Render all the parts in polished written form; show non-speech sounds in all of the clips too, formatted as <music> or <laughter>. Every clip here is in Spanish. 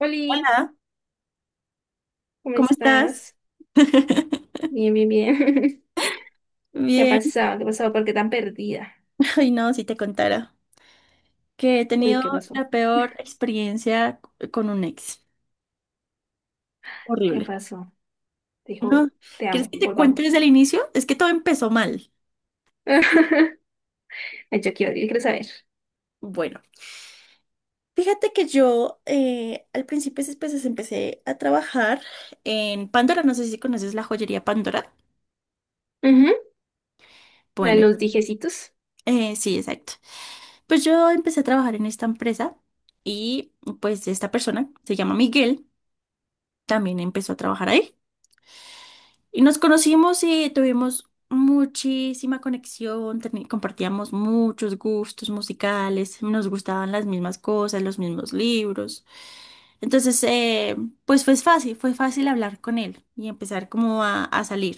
Oli, Hola, ¿cómo ¿cómo estás? estás? Bien, bien, bien. <laughs> ¿Qué ha Bien, pasado? ¿Qué ha pasado? ¿Por qué tan perdida? <laughs> ay no, si te contara que he Uy, tenido ¿qué pasó? la peor experiencia con un ex. ¿Qué Horrible. pasó? Dijo, No, te ¿quieres amo, que te cuente desde volvamos. el inicio? Es que todo empezó mal. <laughs> Ay, yo quiero, yo quiero saber. Bueno, fíjate que yo al principio pues, empecé a trabajar en Pandora, no sé si conoces la joyería Pandora. Ujú. La de Bueno, los dijecitos. Sí, exacto. Pues yo empecé a trabajar en esta empresa y pues esta persona se llama Miguel, también empezó a trabajar ahí. Y nos conocimos y tuvimos muchísima conexión, compartíamos muchos gustos musicales, nos gustaban las mismas cosas, los mismos libros. Entonces, pues fue fácil hablar con él y empezar como a salir.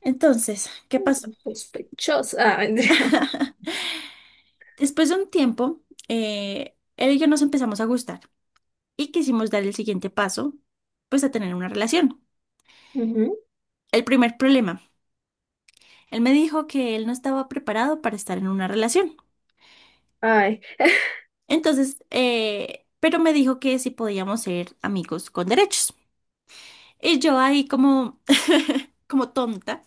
Entonces, ¿qué pasó? Sospechosa. Después de un tiempo, él y yo nos empezamos a gustar y quisimos dar el siguiente paso, pues a tener una relación. <laughs> Ujú. El primer problema, él me dijo que él no estaba preparado para estar en una relación. Ay. <laughs> Entonces, pero me dijo que si podíamos ser amigos con derechos. Y yo ahí como, <laughs> como tonta,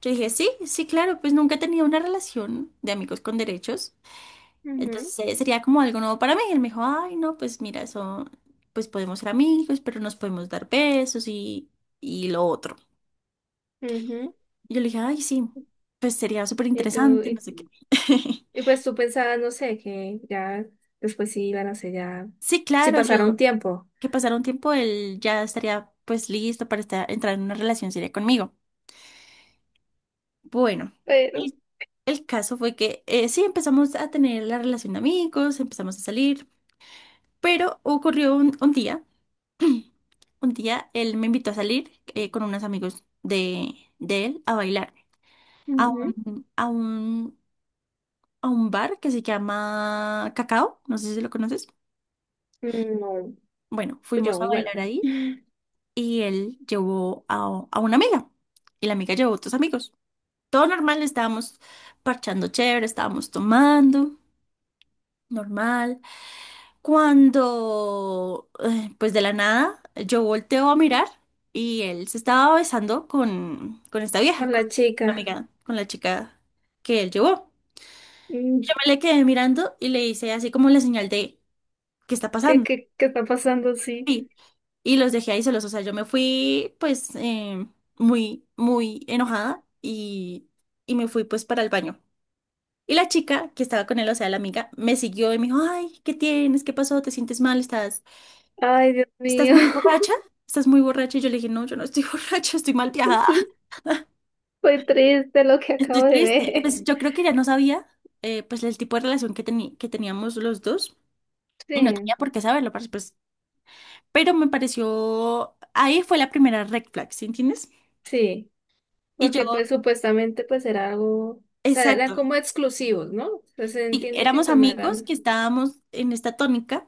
yo dije, sí, sí, claro, pues nunca he tenido una relación de amigos con derechos. Ujú, Entonces sería como algo nuevo para mí. Y él me dijo, ay, no, pues mira, eso, pues podemos ser amigos, pero nos podemos dar besos y lo otro. ujú. Y yo le dije, ay, sí, pues sería súper Y tú, interesante, no sé qué. <laughs> y pues tú pensabas, no sé, que ya después sí iban a ser ya, Sí, sí claro, pasará un yo. tiempo. Que pasara un tiempo, él ya estaría pues listo para entrar en una relación seria conmigo. Bueno, Pero, el, el caso fue que sí empezamos a tener la relación de amigos, empezamos a salir, pero ocurrió un día, <clears throat> un día él me invitó a salir con unos amigos de él a bailar a ujú, un, a un, a un bar que se llama Cacao, no sé si lo conoces. no, Bueno, fuimos yo a igual. bailar ahí <laughs> y él llevó a una amiga y la amiga llevó a otros amigos. Todo normal, estábamos parchando chévere, estábamos tomando, normal. Cuando, pues de la nada, yo volteo a mirar y él se estaba besando con esta vieja, Con con la la chica. amiga, con la chica que él llevó. Mm, Yo me le quedé mirando y le hice así como la señal de, ¿qué está ¿Qué, pasando? qué, qué está pasando? Sí. Y, y los dejé ahí solos. O sea, yo me fui pues muy, muy enojada y me fui pues para el baño. Y la chica que estaba con él, o sea, la amiga, me siguió y me dijo, ay, ¿qué tienes? ¿Qué pasó? ¿Te sientes mal? ¿Estás, Ay, Dios estás mío. muy borracha? ¿Estás muy borracha? Y yo le dije, no, yo no estoy <laughs> borracha, estoy mal viajada, <laughs> Estoy triste lo que estoy acabo de triste. ver. Pues yo creo que ya no sabía, pues, el tipo de relación que teníamos los dos y no Sí, tenía por qué saberlo, parce, pues, pero me pareció, ahí fue la primera red flag, ¿sí entiendes? sí. Y yo, Porque pues supuestamente pues era algo, o sea, eran exacto, como exclusivos, ¿no? O sea, se sí, entiende que éramos pues no amigos que eran. estábamos en esta tónica,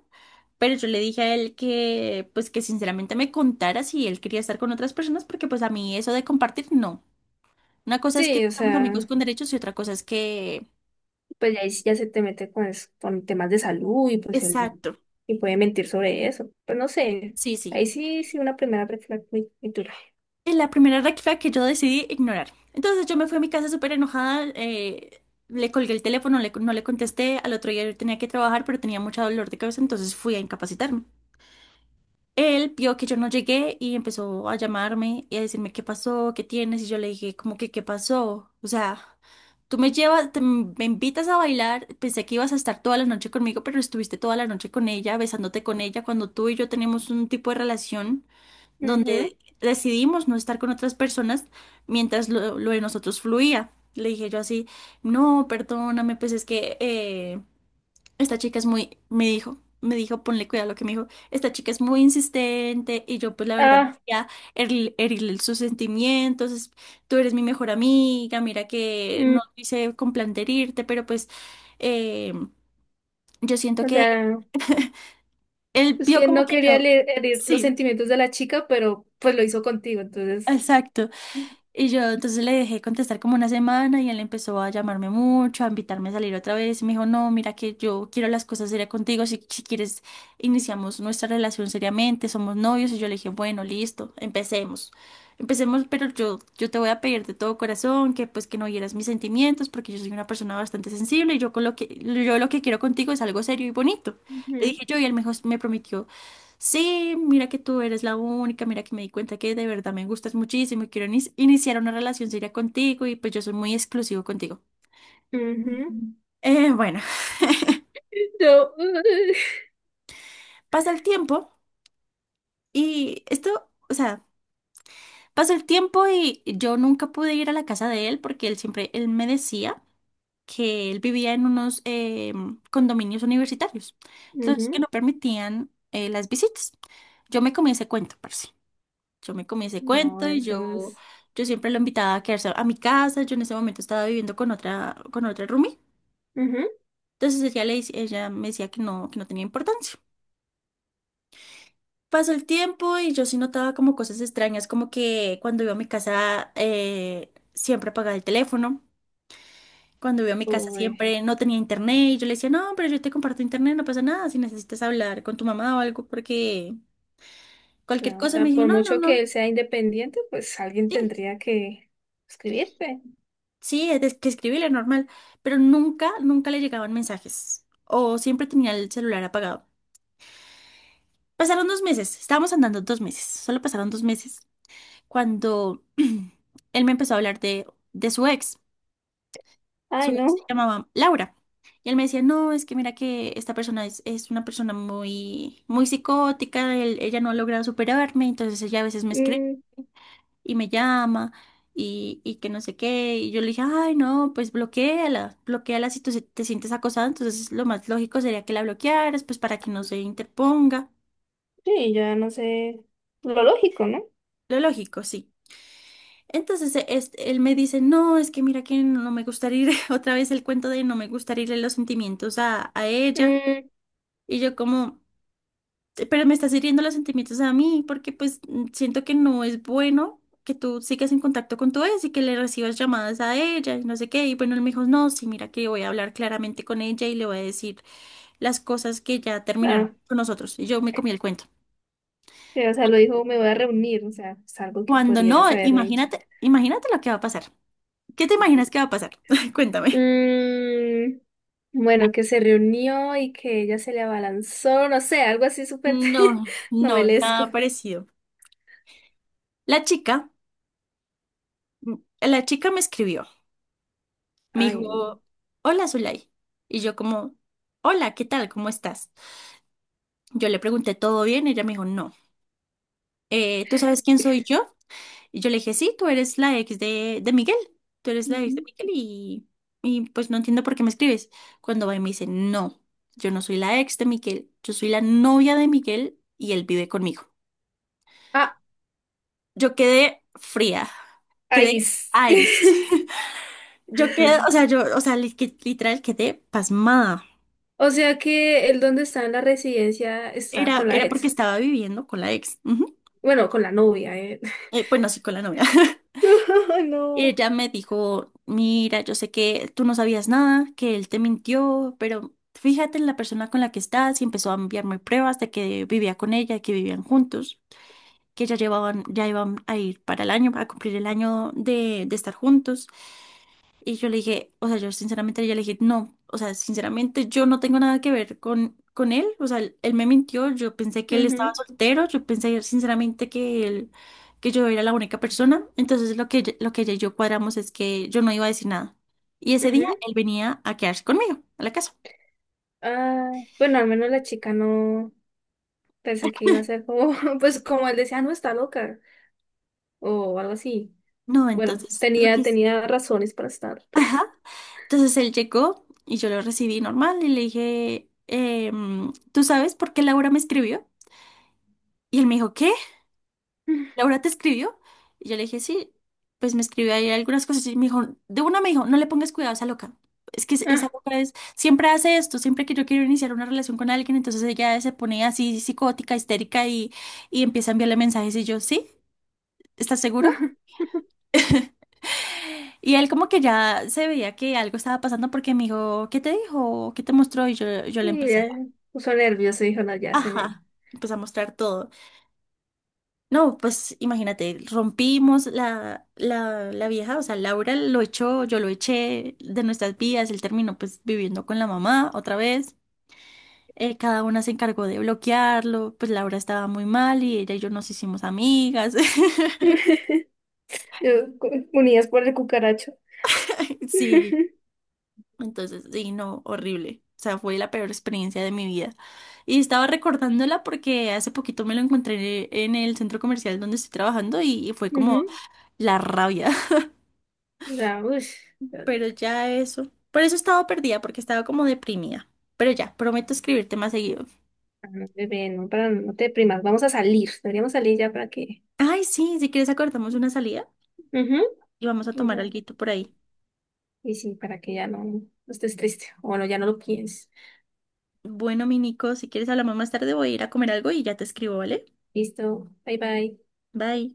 pero yo le dije a él que, pues que sinceramente me contara si él quería estar con otras personas, porque pues a mí eso de compartir, no. Una cosa es que Sí, o seamos, sí, amigos sea, con derechos y otra cosa es que... pues ya, ahí sí ya se te mete con, es- con temas de salud y pues el, Exacto. y puede mentir sobre eso. Pues no sé. Sí, sí. Ahí sí, sí, una primera red flag muy, muy dura. Es la primera red flag que yo decidí ignorar. Entonces yo me fui a mi casa súper enojada, le colgué el teléfono, no le contesté, al otro día yo tenía que trabajar, pero tenía mucho dolor de cabeza, entonces fui a incapacitarme. Él vio que yo no llegué y empezó a llamarme y a decirme qué pasó, qué tienes, y yo le dije como que qué pasó, o sea, tú me llevas, me invitas a bailar, pensé que ibas a estar toda la noche conmigo, pero estuviste toda la noche con ella, besándote con ella, cuando tú y yo tenemos un tipo de relación Ujú. donde decidimos no estar con otras personas mientras lo de nosotros fluía. Le dije yo así, no, perdóname, pues es que esta chica es muy, me dijo, ponle cuidado a lo que me dijo. Esta chica es muy insistente y yo pues la verdad no Ah, quería herirle sus sentimientos. Tú eres mi mejor amiga, mira que no mm, lo hice con plan de herirte, pero pues eh, yo siento o que sea. él Es vio que como no que quería yo, le- herir los sí, sentimientos de la chica, pero pues lo hizo contigo, entonces. exacto. Y yo entonces le dejé contestar como una semana y él empezó a llamarme mucho, a invitarme a salir otra vez. Y me dijo, no, mira que yo quiero las cosas serias contigo, si quieres iniciamos nuestra relación seriamente, somos novios. Y yo le dije, bueno, listo, empecemos. Empecemos, pero yo te voy a pedir de todo corazón que pues que no hieras mis sentimientos porque yo soy una persona bastante sensible y yo, con lo que, yo lo que quiero contigo es algo serio y bonito. Le Ujú, dije yo y él me prometió sí, mira que tú eres la única, mira que me di cuenta que de verdad me gustas muchísimo y quiero iniciar una relación seria contigo y pues yo soy muy exclusivo contigo. ujú. Bueno, No. pasa el tiempo y esto, o sea, pasa el tiempo y yo nunca pude ir a la casa de él porque él siempre, él me decía que él vivía en unos condominios universitarios, entonces que Ujú. no permitían las visitas. Yo me comí ese cuento, parce. Yo me comí ese No, cuento y eso yo, es. yo siempre lo invitaba a quedarse a mi casa. Yo en ese momento estaba viviendo con otra roomie. Ujú. Entonces ella me decía que no tenía importancia. Pasó el tiempo y yo sí notaba como cosas extrañas, como que cuando iba a mi casa siempre apagaba el teléfono. Cuando iba a mi casa Uy, siempre no tenía internet y yo le decía, no, pero yo te comparto internet, no pasa nada, si necesitas hablar con tu mamá o algo, porque cualquier no, o cosa. Y sea, me dijo, por no, no, mucho que no. él sea independiente, pues alguien Sí, tendría que escribirte. sí, es que escribirle normal, pero nunca, nunca le llegaban mensajes. O siempre tenía el celular apagado. Pasaron 2 meses, estábamos andando 2 meses, solo pasaron 2 meses, cuando <clears throat> él me empezó a hablar de su ex. Su Ay, ex se no. llamaba Laura. Y él me decía, no, es que mira que esta persona es una persona muy, muy psicótica, ella no ha logrado superarme, entonces ella a veces me escribe Mm, y me llama y que no sé qué. Y yo le dije, ay, no, pues bloquéala, bloquéala si tú te sientes acosada. Entonces lo más lógico sería que la bloquearas, pues para que no se interponga. sí, ya no sé. Lo lógico, ¿no? Lo lógico, sí. Entonces él me dice, no, es que mira que no me gustaría ir, <laughs> otra vez el cuento de no me gustaría irle los sentimientos a ella. Mm, Y yo como... pero me estás hiriendo los sentimientos a mí, porque pues siento que no es bueno que tú sigas en contacto con tu ex y que le recibas llamadas a ella y no sé qué. Y bueno, él me dijo, no, sí, mira que voy a hablar claramente con ella y le voy a decir las cosas que ya terminaron ah, con nosotros. Y yo me comí el cuento. sí, o sea, lo dijo, me voy a reunir, o sea, es algo que Cuando no, podrías haberle dicho. imagínate, imagínate lo que va a pasar. ¿Qué te imaginas que va a pasar? <laughs> Cuéntame. Mm, bueno, que se reunió y que ella se le abalanzó, no sé, algo así súper <laughs> No, no, novelesco. nada parecido. La chica, la chica me escribió. Me Ay, no. dijo, hola Zulay. Y yo como, hola, ¿qué tal? ¿Cómo estás? Yo le pregunté, ¿todo bien? Ella me dijo, no. ¿Tú sabes quién soy yo? Y yo le dije, sí, tú eres la ex de Miguel. Tú eres la ex de Ujú. Miguel y pues no entiendo por qué me escribes. Cuando va y me dice, no, yo no soy la ex de Miguel, yo soy la novia de Miguel y él vive conmigo. Ah, Yo quedé fría, quedé ahí. S- ice. <laughs> <laughs> Yo quedé, o sea, yo, o sea, literal quedé pasmada. O sea que el donde está en la residencia está Era, con la era porque ex. estaba viviendo con la ex. Ujú. Bueno, con la novia, eh. Bueno, sí, con la novia. <laughs> <laughs> Ay, no. Ella me dijo, mira, yo sé que tú no sabías nada, que él te mintió, pero fíjate en la persona con la que estás y empezó a enviarme pruebas de que vivía con ella, que vivían juntos, que ya llevaban, ya iban a ir para el año, a cumplir el año de estar juntos. Y yo le dije, o sea, yo sinceramente yo le dije, no, o sea, sinceramente yo no tengo nada que ver con él, o sea, él me mintió, yo pensé que él estaba Ujú, soltero, yo pensé sinceramente que él, que yo era la única persona, entonces lo que ella y yo cuadramos es que yo no iba a decir nada. Y ese día ujú. él venía a quedarse conmigo, a la casa. Ah, bueno, al menos la chica no pensé que iba a ser como, <laughs> pues como él decía, "Ah, no está loca o algo así". No, Bueno, entonces lo que... tenía, tenía razones para estar. Ajá. Entonces él llegó y yo lo recibí normal y le dije, ¿tú sabes por qué Laura me escribió? Y él me dijo, ¿qué? Laura te escribió. Y yo le dije, sí, pues me escribió ahí algunas cosas. Y me dijo, de una me dijo, no le pongas cuidado a esa loca. Es que esa Ah, loca es, siempre hace esto, siempre que yo quiero iniciar una relación con alguien, entonces ella se pone así psicótica, histérica y empieza a enviarle mensajes. Y yo, sí, ¿estás seguro? <laughs> Y él como que ya se veía que algo estaba pasando porque me dijo? ¿Qué te mostró? Y yo, le y empecé, ya puso nervioso y dijo, no, ya se me... ajá, empecé a mostrar todo. No, pues imagínate, rompimos la vieja, o sea, Laura lo echó, yo lo eché de nuestras vidas, él terminó pues viviendo con la mamá otra vez, cada una se encargó de bloquearlo, pues Laura estaba muy mal y ella y yo nos hicimos amigas, <laughs> Yo, cu- Unidas por el cucaracho. <laughs> <laughs> sí, entonces, sí, no, horrible, o sea, fue la peor experiencia de mi vida. Y estaba recordándola porque hace poquito me lo encontré en el centro comercial donde estoy trabajando y fue como Ujú. la rabia. Ya, ush. Pero ya eso. Por eso estaba perdida, porque estaba como deprimida. Pero ya, prometo escribirte más seguido. Ah, no, bebé, no, para, no te deprimas, vamos a salir, deberíamos salir ya para que... Ay, sí, si quieres acordamos una salida Ujú. y vamos a Y, tomar ya- alguito por ahí. y sí, para que ya no, no estés triste, o bueno, ya no lo pienses. Bueno, mi Nico, si quieres hablamos más tarde, voy a ir a comer algo y ya te escribo, ¿vale? Listo, bye bye. Bye.